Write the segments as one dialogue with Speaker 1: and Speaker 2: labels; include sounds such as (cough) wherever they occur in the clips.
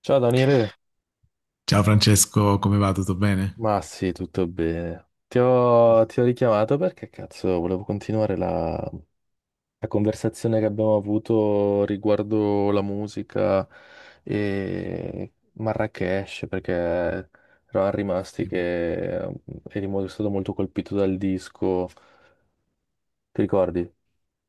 Speaker 1: Ciao Daniele,
Speaker 2: Ciao Francesco, come va? Tutto bene?
Speaker 1: ma sì, tutto bene. Ti ho richiamato perché cazzo, volevo continuare la conversazione che abbiamo avuto riguardo la musica e Marrakesh, perché eravamo rimasti
Speaker 2: Sì,
Speaker 1: che eri stato molto colpito dal disco. Ti ricordi?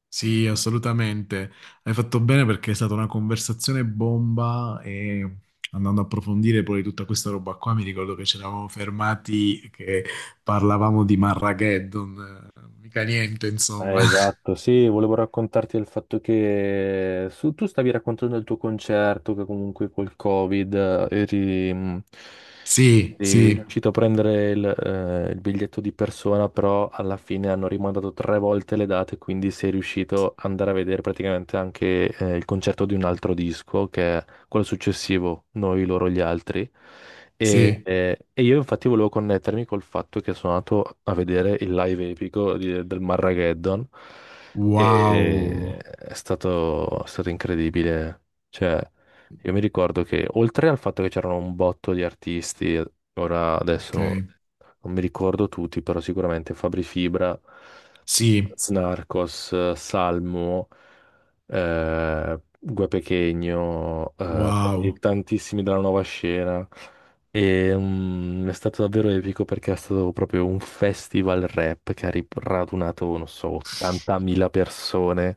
Speaker 2: Sì, assolutamente. Hai fatto bene perché è stata una conversazione bomba e andando a approfondire poi tutta questa roba qua, mi ricordo che ci eravamo fermati che parlavamo di Marrageddon, mica niente, insomma. (laughs)
Speaker 1: Esatto, sì, volevo raccontarti del fatto che tu stavi raccontando il tuo concerto, che comunque col Covid eri.
Speaker 2: Sì,
Speaker 1: Sì, è
Speaker 2: sì,
Speaker 1: riuscito a prendere il biglietto di persona, però alla fine hanno rimandato tre volte le date, quindi sei riuscito ad andare a vedere praticamente anche il concerto di un altro disco, che è quello successivo, Noi, loro, gli altri. E,
Speaker 2: sì.
Speaker 1: eh, e io infatti volevo connettermi col fatto che sono andato a vedere il live epico del Marrageddon
Speaker 2: Wow.
Speaker 1: e è stato incredibile. Cioè, io mi ricordo che oltre al fatto che c'erano un botto di artisti. Ora adesso
Speaker 2: Ok.
Speaker 1: non mi ricordo tutti, però sicuramente Fabri Fibra,
Speaker 2: Sì,
Speaker 1: Snarcos, Salmo, Gue Pequeno, e
Speaker 2: wow.
Speaker 1: tantissimi della nuova scena. E, è stato davvero epico perché è stato proprio un festival rap che ha radunato, non so, 80.000 persone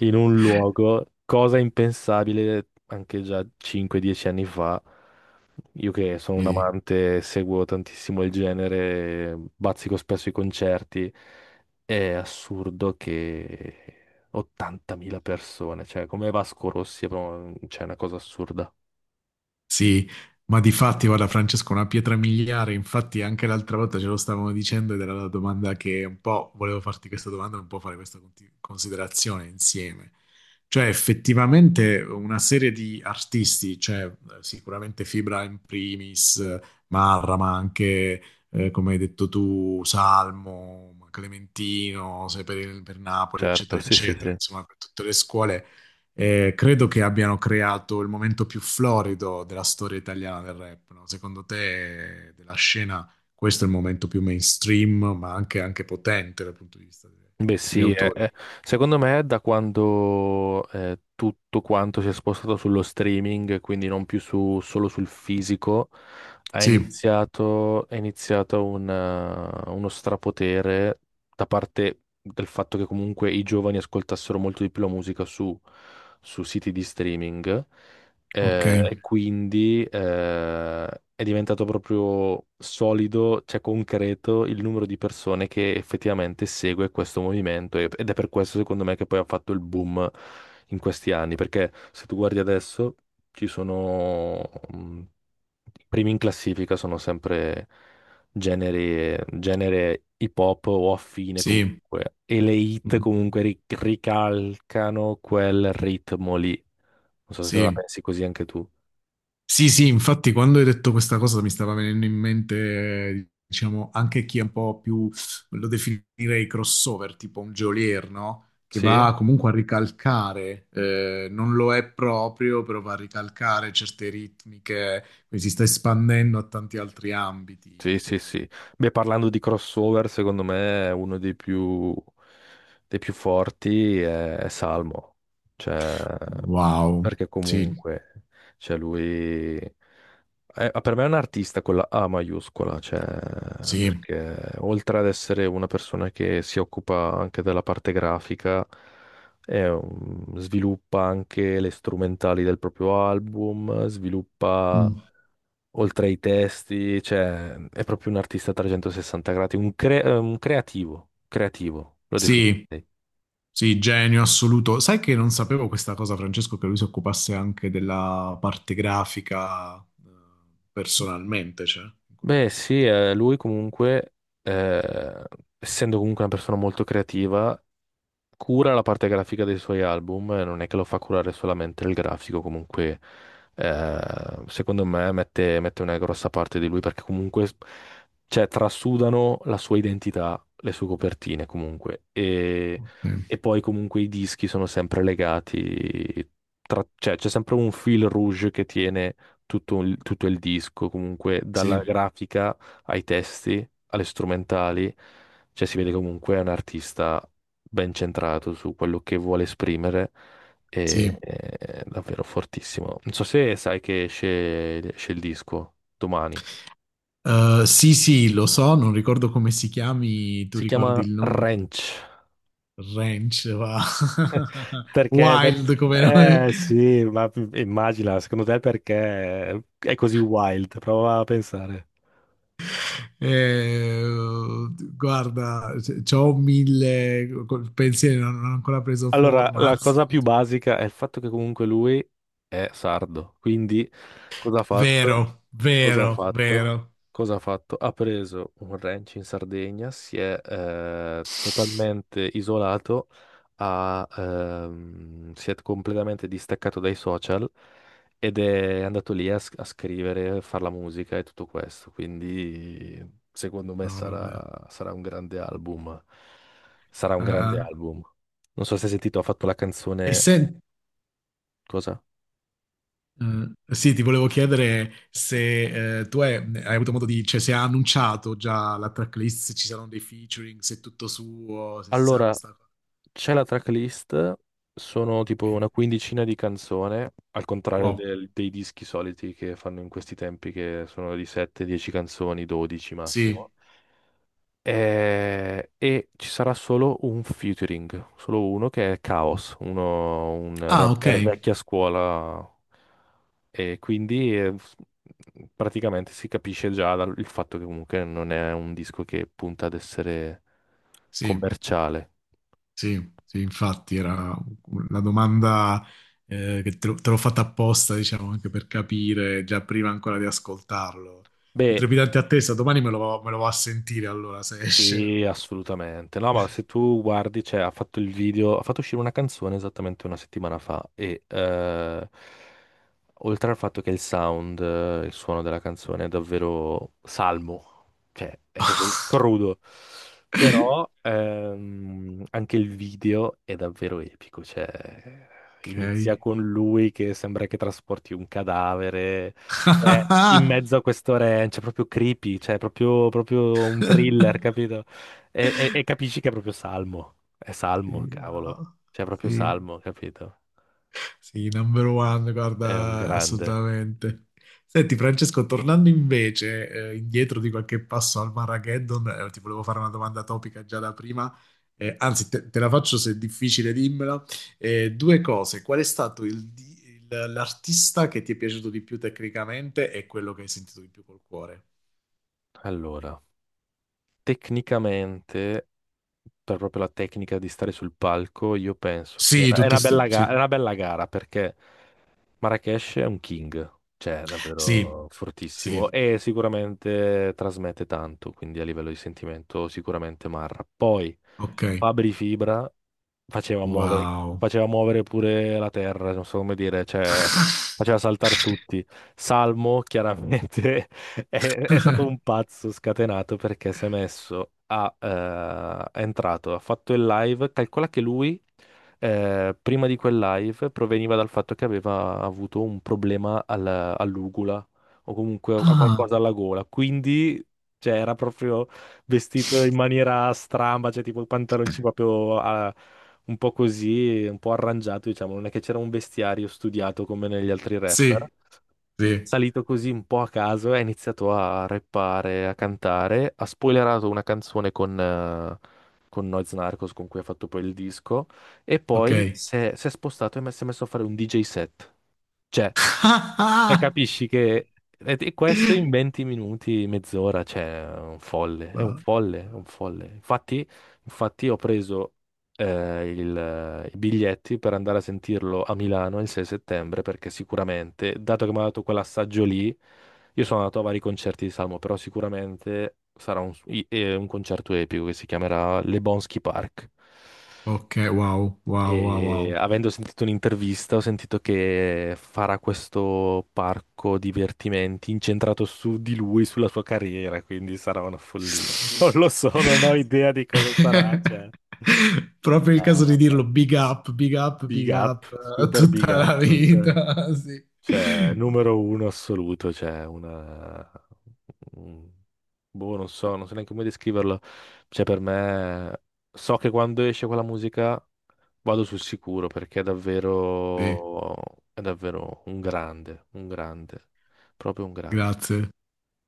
Speaker 1: in un luogo, cosa impensabile anche già 5-10 anni fa. Io che sono un
Speaker 2: Sì.
Speaker 1: amante, seguo tantissimo il genere, bazzico spesso i concerti. È assurdo che 80.000 persone, cioè come Vasco Rossi, è cioè, è una cosa assurda.
Speaker 2: Sì, ma di fatti, guarda Francesco, una pietra miliare, infatti anche l'altra volta ce lo stavamo dicendo ed era la domanda che un po' volevo farti questa domanda e un po' fare questa considerazione insieme. Cioè, effettivamente una serie di artisti, cioè sicuramente Fibra in primis, Marra, ma anche, come hai detto tu, Salmo, Clementino, sei per Napoli,
Speaker 1: Certo,
Speaker 2: eccetera,
Speaker 1: sì, sì,
Speaker 2: eccetera,
Speaker 1: sì.
Speaker 2: insomma, per tutte le scuole credo che abbiano creato il momento più florido della storia italiana del rap, no? Secondo te, della scena, questo è il momento più mainstream, ma anche potente dal punto di vista
Speaker 1: Beh
Speaker 2: degli
Speaker 1: sì,
Speaker 2: autori?
Speaker 1: secondo me è da quando tutto quanto si è spostato sullo streaming, quindi non più solo sul fisico, ha
Speaker 2: Sì,
Speaker 1: iniziato, è iniziato uno strapotere da parte del fatto che comunque i giovani ascoltassero molto di più la musica su siti di streaming
Speaker 2: ok,
Speaker 1: e quindi è diventato proprio solido, cioè concreto, il numero di persone che effettivamente segue questo movimento ed è per questo secondo me che poi ha fatto il boom in questi anni, perché se tu guardi adesso ci sono mh, i primi in classifica sono sempre genere hip hop o affine
Speaker 2: sì,
Speaker 1: comunque e le hit
Speaker 2: mhm,
Speaker 1: comunque ricalcano quel ritmo lì. Non so se la
Speaker 2: sì.
Speaker 1: pensi così anche tu.
Speaker 2: Sì, sì, infatti quando hai detto questa cosa mi stava venendo in mente, diciamo, anche chi è un po' più, lo definirei crossover, tipo un geolier, no? Che
Speaker 1: Sì,
Speaker 2: va comunque a ricalcare, non lo è proprio, però va a ricalcare certe ritmiche, quindi si sta espandendo a tanti altri ambiti.
Speaker 1: sì, sì, sì. Beh, parlando di crossover, secondo me è uno dei più forti è Salmo. Cioè,
Speaker 2: Wow,
Speaker 1: perché
Speaker 2: sì,
Speaker 1: comunque, cioè lui per me è un artista con la A maiuscola, cioè,
Speaker 2: sì,
Speaker 1: perché oltre ad essere una persona che si occupa anche della parte grafica, è sviluppa anche le strumentali del proprio album, sviluppa
Speaker 2: mm,
Speaker 1: oltre ai testi, cioè è proprio un artista a 360 gradi, un creativo, creativo, lo
Speaker 2: sì.
Speaker 1: definirei.
Speaker 2: Sì, genio assoluto. Sai che non sapevo questa cosa, Francesco, che lui si occupasse anche della parte grafica personalmente, cioè, in qualche
Speaker 1: Beh, sì, lui comunque, eh, essendo comunque una persona molto creativa, cura la parte grafica dei suoi album, non è che lo fa curare solamente il grafico, comunque eh, secondo me mette una grossa parte di lui perché comunque cioè, trasudano la sua identità, le sue copertine comunque e,
Speaker 2: modo. Ok,
Speaker 1: e poi comunque i dischi sono sempre legati, cioè c'è sempre un fil rouge che tiene tutto il disco, comunque dalla
Speaker 2: sì,
Speaker 1: grafica ai testi, alle strumentali, cioè si vede comunque è un artista ben centrato su quello che vuole esprimere e
Speaker 2: sì.
Speaker 1: è davvero fortissimo. Non so se sai che esce il disco domani.
Speaker 2: Sì, sì, lo so, non ricordo come si chiami, tu
Speaker 1: Si
Speaker 2: ricordi
Speaker 1: chiama
Speaker 2: il nome?
Speaker 1: Ranch.
Speaker 2: Ranch, va. (laughs)
Speaker 1: Perché?
Speaker 2: Wild come nome.
Speaker 1: Eh sì, ma immagina, secondo te perché è così wild? Prova a pensare.
Speaker 2: Eh, guarda, c'ho mille, col pensiero non ho ancora preso
Speaker 1: Allora,
Speaker 2: forma,
Speaker 1: la
Speaker 2: anzi,
Speaker 1: cosa
Speaker 2: dimmi
Speaker 1: più
Speaker 2: tu.
Speaker 1: basica è il fatto che comunque lui è sardo, quindi cosa ha fatto?
Speaker 2: Vero,
Speaker 1: Cosa ha
Speaker 2: vero,
Speaker 1: fatto?
Speaker 2: vero.
Speaker 1: Cosa ha fatto? Ha preso un ranch in Sardegna, si è totalmente isolato, si è completamente distaccato dai social ed è andato lì a scrivere, a fare la musica e tutto questo. Quindi secondo me
Speaker 2: No, vabbè.
Speaker 1: sarà un grande album. Sarà un
Speaker 2: Ah,
Speaker 1: grande
Speaker 2: ah.
Speaker 1: album. Non so se hai sentito, ha fatto la
Speaker 2: E
Speaker 1: canzone.
Speaker 2: se,
Speaker 1: Cosa?
Speaker 2: Sì, ti volevo chiedere se tu hai avuto modo di, cioè se ha annunciato già la tracklist, se ci saranno dei featuring, se è tutto suo, se si sa
Speaker 1: Allora,
Speaker 2: questa cosa.
Speaker 1: c'è la tracklist, sono tipo
Speaker 2: Ok.
Speaker 1: una quindicina di canzoni, al contrario
Speaker 2: Wow,
Speaker 1: dei dischi soliti che fanno in questi tempi, che sono di 7-10 canzoni, 12 massimo.
Speaker 2: sì.
Speaker 1: E, ci sarà solo un featuring, solo uno che è Chaos, un
Speaker 2: Ah, ok,
Speaker 1: rapper vecchia scuola. E quindi praticamente si capisce già dal il fatto che comunque non è un disco che punta ad essere
Speaker 2: sì.
Speaker 1: commerciale.
Speaker 2: Sì, sì, infatti era una domanda che te l'ho fatta apposta, diciamo, anche per capire già prima ancora di ascoltarlo. I
Speaker 1: Beh,
Speaker 2: trepidanti attesa, domani me lo vado a sentire allora, se esce me lo
Speaker 1: sì,
Speaker 2: vado
Speaker 1: assolutamente. No, ma se tu guardi, cioè, ha fatto il video, ha fatto uscire una canzone esattamente una settimana fa e oltre al fatto che il sound, il suono della canzone è davvero salmo, cioè è
Speaker 2: a
Speaker 1: proprio crudo, però anche il video è davvero epico, cioè inizia con lui che sembra che trasporti un cadavere eh, in
Speaker 2: (laughs) Ok. (laughs)
Speaker 1: mezzo a questo ranch, è cioè, proprio creepy, cioè è proprio, proprio un thriller, capito? E capisci che è proprio Salmo, è
Speaker 2: Sì,
Speaker 1: Salmo, cavolo,
Speaker 2: wow.
Speaker 1: cioè è proprio
Speaker 2: Sì.
Speaker 1: Salmo, capito?
Speaker 2: Sì, number one,
Speaker 1: È un
Speaker 2: guarda,
Speaker 1: grande.
Speaker 2: assolutamente. Senti, Francesco, tornando invece indietro di qualche passo al Marrageddon, ti volevo fare una domanda topica già da prima, anzi te la faccio se è difficile, dimmela. Due cose, qual è stato l'artista che ti è piaciuto di più tecnicamente e quello che hai sentito di più col cuore?
Speaker 1: Allora, tecnicamente, per proprio la tecnica di stare sul palco, io penso che
Speaker 2: Sì, tutte ste, sì,
Speaker 1: è una bella gara perché. Marrakesh è un king, cioè è
Speaker 2: sì,
Speaker 1: davvero
Speaker 2: sì,
Speaker 1: fortissimo e sicuramente trasmette tanto, quindi a livello di sentimento sicuramente Marra. Poi
Speaker 2: ok.
Speaker 1: Fabri Fibra faceva muovere,
Speaker 2: Wow.
Speaker 1: faceva muovere pure la terra, non so come dire, cioè faceva
Speaker 2: (laughs)
Speaker 1: saltare tutti. Salmo chiaramente (laughs) è stato un pazzo scatenato perché si è messo, è entrato, ha fatto il live, calcola che lui prima di quel live proveniva dal fatto che aveva avuto un problema all'ugula o comunque a
Speaker 2: Ah,
Speaker 1: qualcosa alla gola. Quindi, cioè, era proprio vestito in maniera stramba, cioè tipo i pantaloncini proprio un po' così, un po' arrangiato, diciamo. Non è che c'era un vestiario studiato come negli altri
Speaker 2: sì,
Speaker 1: rapper.
Speaker 2: sì,
Speaker 1: Salito così un po' a caso, ha iniziato a rappare, a cantare, ha spoilerato una canzone con Noyz Narcos con cui ha fatto poi il disco e
Speaker 2: ok.
Speaker 1: poi si è spostato e si è messo a fare un DJ set. Cioè, cioè,
Speaker 2: (laughs)
Speaker 1: capisci che e questo in 20 minuti, mezz'ora, cioè, è un folle, è un
Speaker 2: Wow.
Speaker 1: folle, è un folle. Infatti, ho preso i biglietti per andare a sentirlo a Milano il 6 settembre, perché sicuramente, dato che mi ha dato quell'assaggio lì, io sono andato a vari concerti di Salmo, però sicuramente sarà un concerto epico che si chiamerà Le Bonsky Park.
Speaker 2: Ok, wow, wow, wow,
Speaker 1: E
Speaker 2: wow.
Speaker 1: avendo sentito un'intervista, ho sentito che farà questo parco divertimenti incentrato su di lui, sulla sua carriera, quindi sarà una follia. (laughs) Non lo so, non ho idea di cosa sarà, cioè,
Speaker 2: (laughs) Proprio il caso di
Speaker 1: Ah,
Speaker 2: dirlo, big up, big up,
Speaker 1: big
Speaker 2: big
Speaker 1: up,
Speaker 2: up, (laughs)
Speaker 1: super big
Speaker 2: tutta la
Speaker 1: up, cioè,
Speaker 2: vita, (laughs) sì.
Speaker 1: cioè, numero uno assoluto, cioè, una. un- Boh, non so, non so neanche come descriverlo. Cioè, per me, so che quando esce quella musica vado sul sicuro perché è
Speaker 2: Sì,
Speaker 1: davvero, è davvero un grande, proprio un grande.
Speaker 2: grazie,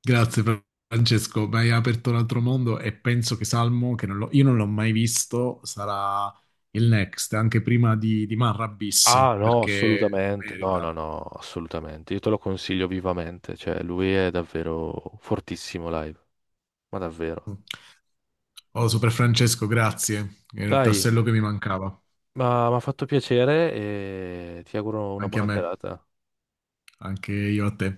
Speaker 2: grazie Francesco, mi hai aperto un altro mondo e penso che Salmo, che non l'ho- io non l'ho mai visto, sarà il next, anche prima di Marra Bis,
Speaker 1: Ah, no,
Speaker 2: perché
Speaker 1: assolutamente. No,
Speaker 2: merita.
Speaker 1: no, no, assolutamente. Io te lo consiglio vivamente. Cioè, lui è davvero fortissimo live, ma davvero.
Speaker 2: Oh, Super Francesco, grazie. È il
Speaker 1: Dai,
Speaker 2: tassello che mi mancava.
Speaker 1: ma mi ha fatto piacere e ti auguro una
Speaker 2: Anche a
Speaker 1: buona
Speaker 2: me,
Speaker 1: serata.
Speaker 2: anche io a te.